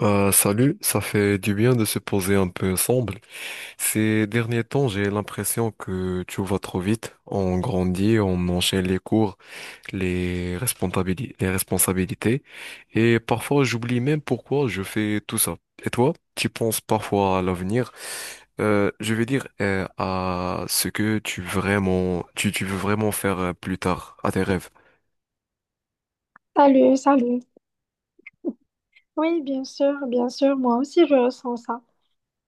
Salut, ça fait du bien de se poser un peu ensemble. Ces derniers temps, j'ai l'impression que tu vas trop vite. On grandit, on enchaîne les cours, les responsabilités, et parfois j'oublie même pourquoi je fais tout ça. Et toi, tu penses parfois à l'avenir, je vais dire à ce que tu vraiment, tu veux vraiment faire plus tard, à tes rêves. Salut, salut. Oui, bien sûr, moi aussi je ressens ça.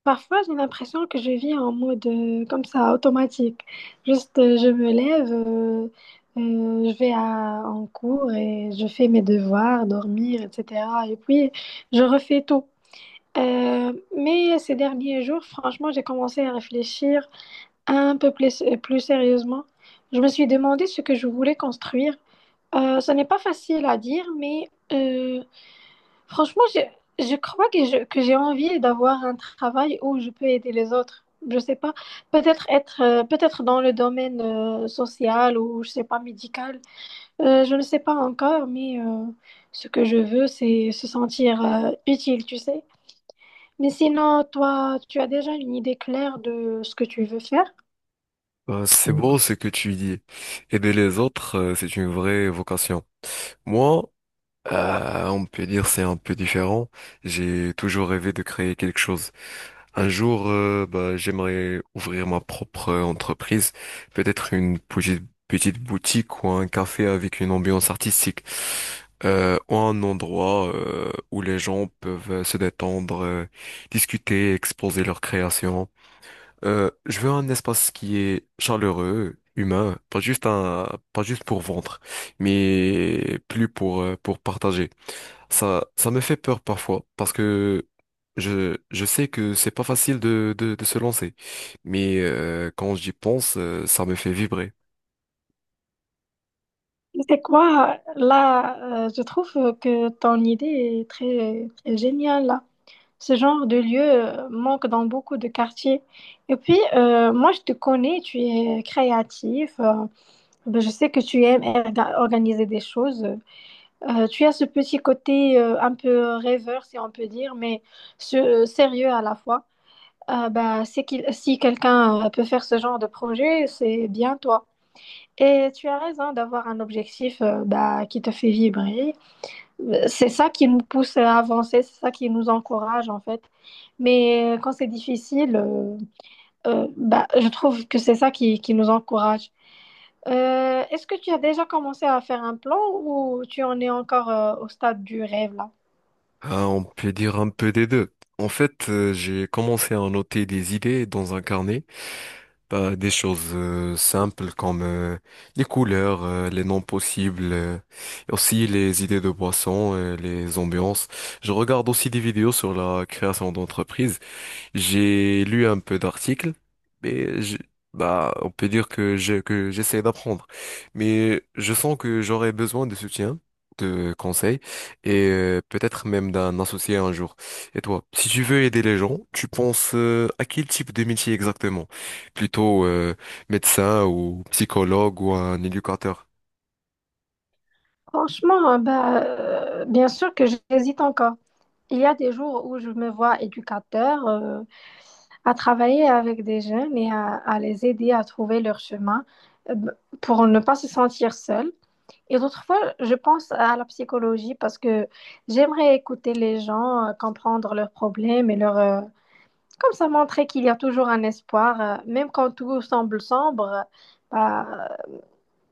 Parfois, j'ai l'impression que je vis en mode comme ça, automatique. Juste, je me lève, je vais en cours et je fais mes devoirs, dormir, etc. Et puis, je refais tout. Mais ces derniers jours, franchement, j'ai commencé à réfléchir un peu plus, plus sérieusement. Je me suis demandé ce que je voulais construire. Ce n'est pas facile à dire, mais franchement, je crois que que j'ai envie d'avoir un travail où je peux aider les autres. Je sais pas, peut-être être, peut-être dans le domaine social ou je sais pas médical. Je ne sais pas encore, mais ce que je veux, c'est se sentir utile, tu sais. Mais sinon, toi, tu as déjà une idée claire de ce que tu veux faire? C'est beau ce que tu dis. Aider les autres, c'est une vraie vocation. Moi, on peut dire c'est un peu différent. J'ai toujours rêvé de créer quelque chose. Un jour, j'aimerais ouvrir ma propre entreprise, peut-être une petite boutique ou un café avec une ambiance artistique, ou un endroit où les gens peuvent se détendre, discuter, exposer leurs créations. Je veux un espace qui est chaleureux, humain, pas juste pour vendre, mais plus pour partager. Ça me fait peur parfois parce que je sais que c'est pas facile de se lancer. Mais quand j'y pense, ça me fait vibrer. C'est quoi? Là, je trouve que ton idée est très, très géniale là. Ce genre de lieu manque dans beaucoup de quartiers. Et puis, moi, je te connais, tu es créatif. Ben, je sais que tu aimes organiser des choses. Tu as ce petit côté un peu rêveur, si on peut dire, mais ce- sérieux à la fois. Ben, c'est qu'il, si quelqu'un peut faire ce genre de projet, c'est bien toi. Et tu as raison d'avoir un objectif ben, qui te fait vibrer, c'est ça qui nous pousse à avancer, c'est ça qui nous encourage en fait. Mais quand c'est difficile, bah, je trouve que c'est ça qui nous encourage. Est-ce que tu as déjà commencé à faire un plan ou tu en es encore au stade du rêve là? Ah, on peut dire un peu des deux. En fait, j'ai commencé à noter des idées dans un carnet, bah, des choses simples comme les couleurs, les noms possibles, et aussi les idées de boissons, les ambiances. Je regarde aussi des vidéos sur la création d'entreprises. J'ai lu un peu d'articles, mais on peut dire que que j'essaie d'apprendre. Mais je sens que j'aurais besoin de soutien, de conseils, et peut-être même d'un associé un jour. Et toi, si tu veux aider les gens, tu penses à quel type de métier exactement? Plutôt médecin ou psychologue ou un éducateur? Franchement, hein, bah, bien sûr que j'hésite encore. Il y a des jours où je me vois éducateur, à travailler avec des jeunes et à les aider à trouver leur chemin euh, pour ne pas se sentir seul. Et d'autres fois, je pense à la psychologie parce que j'aimerais écouter les gens, comprendre leurs problèmes et leur comme ça, montrer qu'il y a toujours un espoir, même quand tout semble sombre. Bah,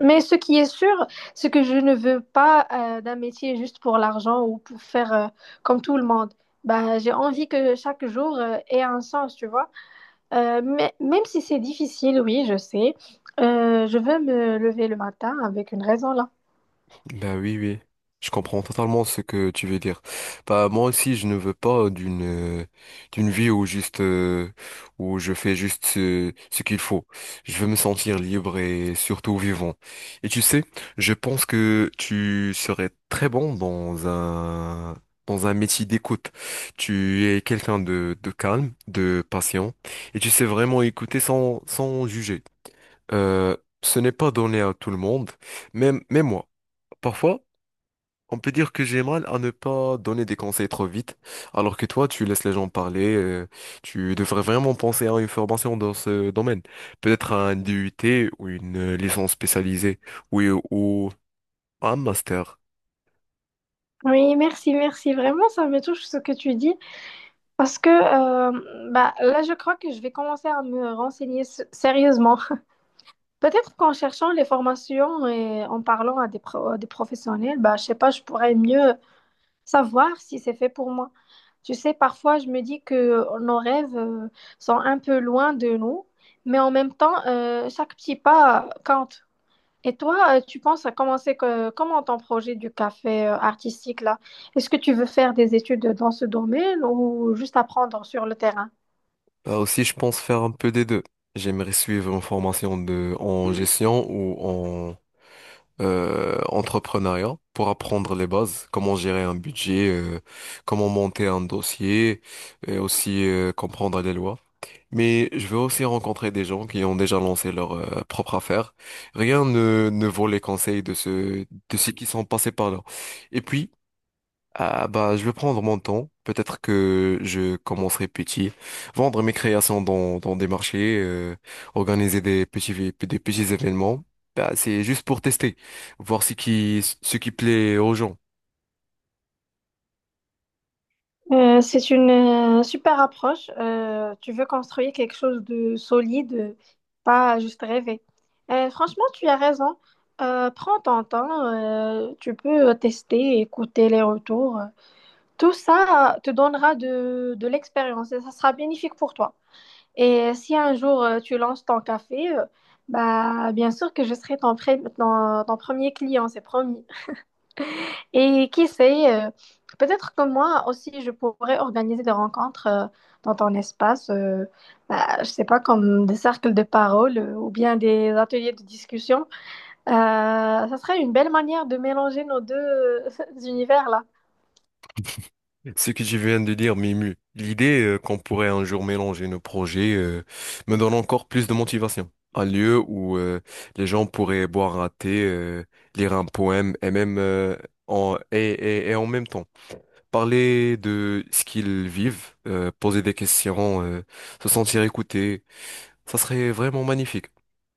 mais ce qui est sûr, c'est que je ne veux pas d'un métier juste pour l'argent ou pour faire comme tout le monde. Bah, j'ai envie que chaque jour ait un sens, tu vois. Mais, même si c'est difficile, oui, je sais. Je veux me lever le matin avec une raison. Bah oui, oui. Je comprends totalement ce que tu veux dire. Bah moi aussi, je ne veux pas d'une vie où juste où je fais juste ce qu'il faut. Je veux me sentir libre et surtout vivant. Et tu sais, je pense que tu serais très bon dans un métier d'écoute. Tu es quelqu'un de calme, de patient et tu sais vraiment écouter sans juger. Euh, ce n'est pas donné à tout le monde, même moi. Parfois on peut dire que j'ai mal à ne pas donner des conseils trop vite, alors que toi, tu laisses les gens parler. Tu devrais vraiment penser à une formation dans ce domaine. Peut-être un DUT ou une licence spécialisée, oui, ou un master. Oui, merci, merci. Vraiment, ça me touche ce que tu dis parce que bah, là, je crois que je vais commencer à me renseigner sérieusement. Peut-être qu'en cherchant les formations et en parlant à à des professionnels, bah, je sais pas, je pourrais mieux savoir si c'est fait pour moi. Tu sais, parfois, je me dis que nos rêves sont un peu loin de nous, mais en même temps, chaque petit pas compte. Et toi, tu penses à commencer comment ton projet du café artistique là? Est-ce que tu veux faire des études dans ce domaine ou juste apprendre sur le terrain? Bah aussi, je pense faire un peu des deux. J'aimerais suivre une formation en gestion ou en entrepreneuriat pour apprendre les bases, comment gérer un budget, comment monter un dossier et aussi comprendre les lois. Mais je veux aussi rencontrer des gens qui ont déjà lancé leur propre affaire. Rien ne vaut les conseils de de ceux qui sont passés par là. Et puis, ah bah je vais prendre mon temps. Peut-être que je commencerai petit, vendre mes créations dans des marchés, organiser des petits événements. Bah c'est juste pour tester, voir ce qui plaît aux gens. C'est une super approche. Tu veux construire quelque chose de solide, pas juste rêver. Franchement, tu as raison. Prends ton temps. Tu peux tester, écouter les retours. Tout ça te donnera de l'expérience et ça sera bénéfique pour toi. Et si un jour tu lances ton café, bah bien sûr que je serai ton premier client, c'est promis. Et qui sait, peut-être que moi aussi je pourrais organiser des rencontres dans ton espace, bah, je sais pas, comme des cercles de parole ou bien des ateliers de discussion. Ça serait une belle manière de mélanger nos deux univers là. Ce que tu viens de dire m'émue. L'idée qu'on pourrait un jour mélanger nos projets me donne encore plus de motivation. Un lieu où les gens pourraient boire un thé, lire un poème et même en et en même temps. Parler de ce qu'ils vivent, poser des questions, se sentir écouté. Ça serait vraiment magnifique.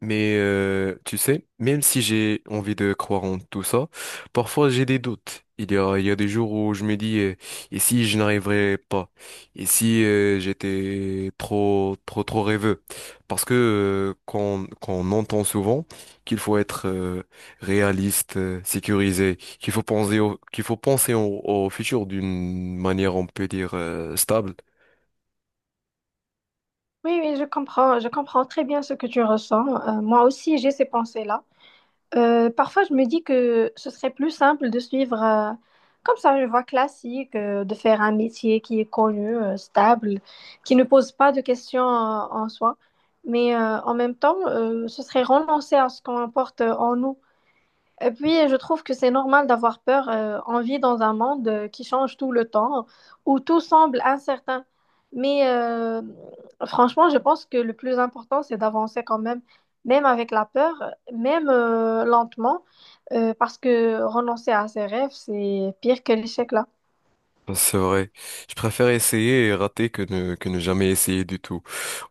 Mais tu sais, même si j'ai envie de croire en tout ça, parfois j'ai des doutes. Il y a des jours où je me dis, et si je n'arriverais pas? Et si j'étais trop rêveux? Parce que qu'on entend souvent qu'il faut être réaliste, sécurisé, qu'il faut penser au, au futur d'une manière, on peut dire, stable. Oui, oui, je comprends très bien ce que tu ressens. Moi aussi, j'ai ces pensées-là. Parfois, je me dis que ce serait plus simple de suivre comme ça une voie classique, de faire un métier qui est connu, stable, qui ne pose pas de questions en soi. Mais en même temps, ce serait renoncer à ce qu'on porte en nous. Et puis, je trouve que c'est normal d'avoir peur. On vit dans un monde qui change tout le temps, où tout semble incertain. Mais franchement, je pense que le plus important, c'est d'avancer quand même, même avec la peur, même lentement, parce que renoncer à ses rêves, c'est pire que l'échec là. C'est vrai. Je préfère essayer et rater que ne jamais essayer du tout.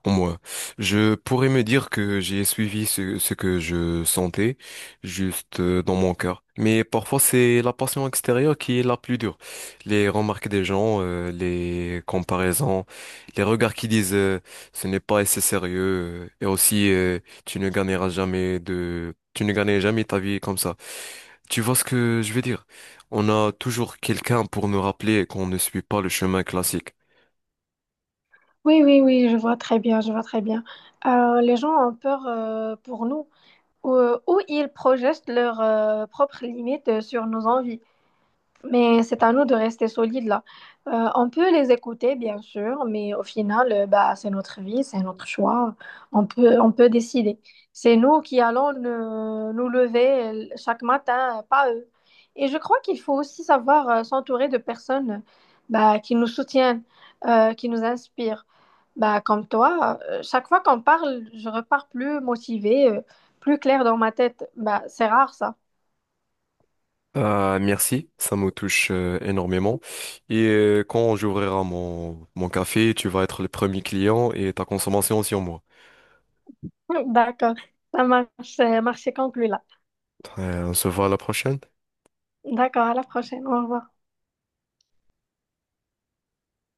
En moi, je pourrais me dire que j'ai suivi ce que je sentais juste dans mon cœur. Mais parfois, c'est la passion extérieure qui est la plus dure. Les remarques des gens, les comparaisons, les regards qui disent ce n'est pas assez sérieux et aussi tu ne gagneras jamais de, tu ne gagneras jamais ta vie comme ça. Tu vois ce que je veux dire? On a toujours quelqu'un pour nous rappeler qu'on ne suit pas le chemin classique. Oui, oui, oui, je vois très bien, je vois très bien. Les gens ont peur pour nous, ou, ou ils projettent leurs propres limites sur nos envies. Mais c'est à nous de rester solides là. On peut les écouter, bien sûr, mais au final, bah, c'est notre vie, c'est notre choix. On peut décider. C'est nous qui allons nous lever chaque matin, pas eux. Et je crois qu'il faut aussi savoir s'entourer de personnes bah, qui nous soutiennent, qui nous inspirent. Bah, comme toi, chaque fois qu'on parle, je repars plus motivée, plus claire dans ma tête. Bah, c'est rare ça. Merci, ça me touche énormément. Et quand j'ouvrirai mon café, tu vas être le premier client et ta consommation sur moi. D'accord, ça marche, conclu là. On se voit à la prochaine. D'accord, à la prochaine. Au revoir.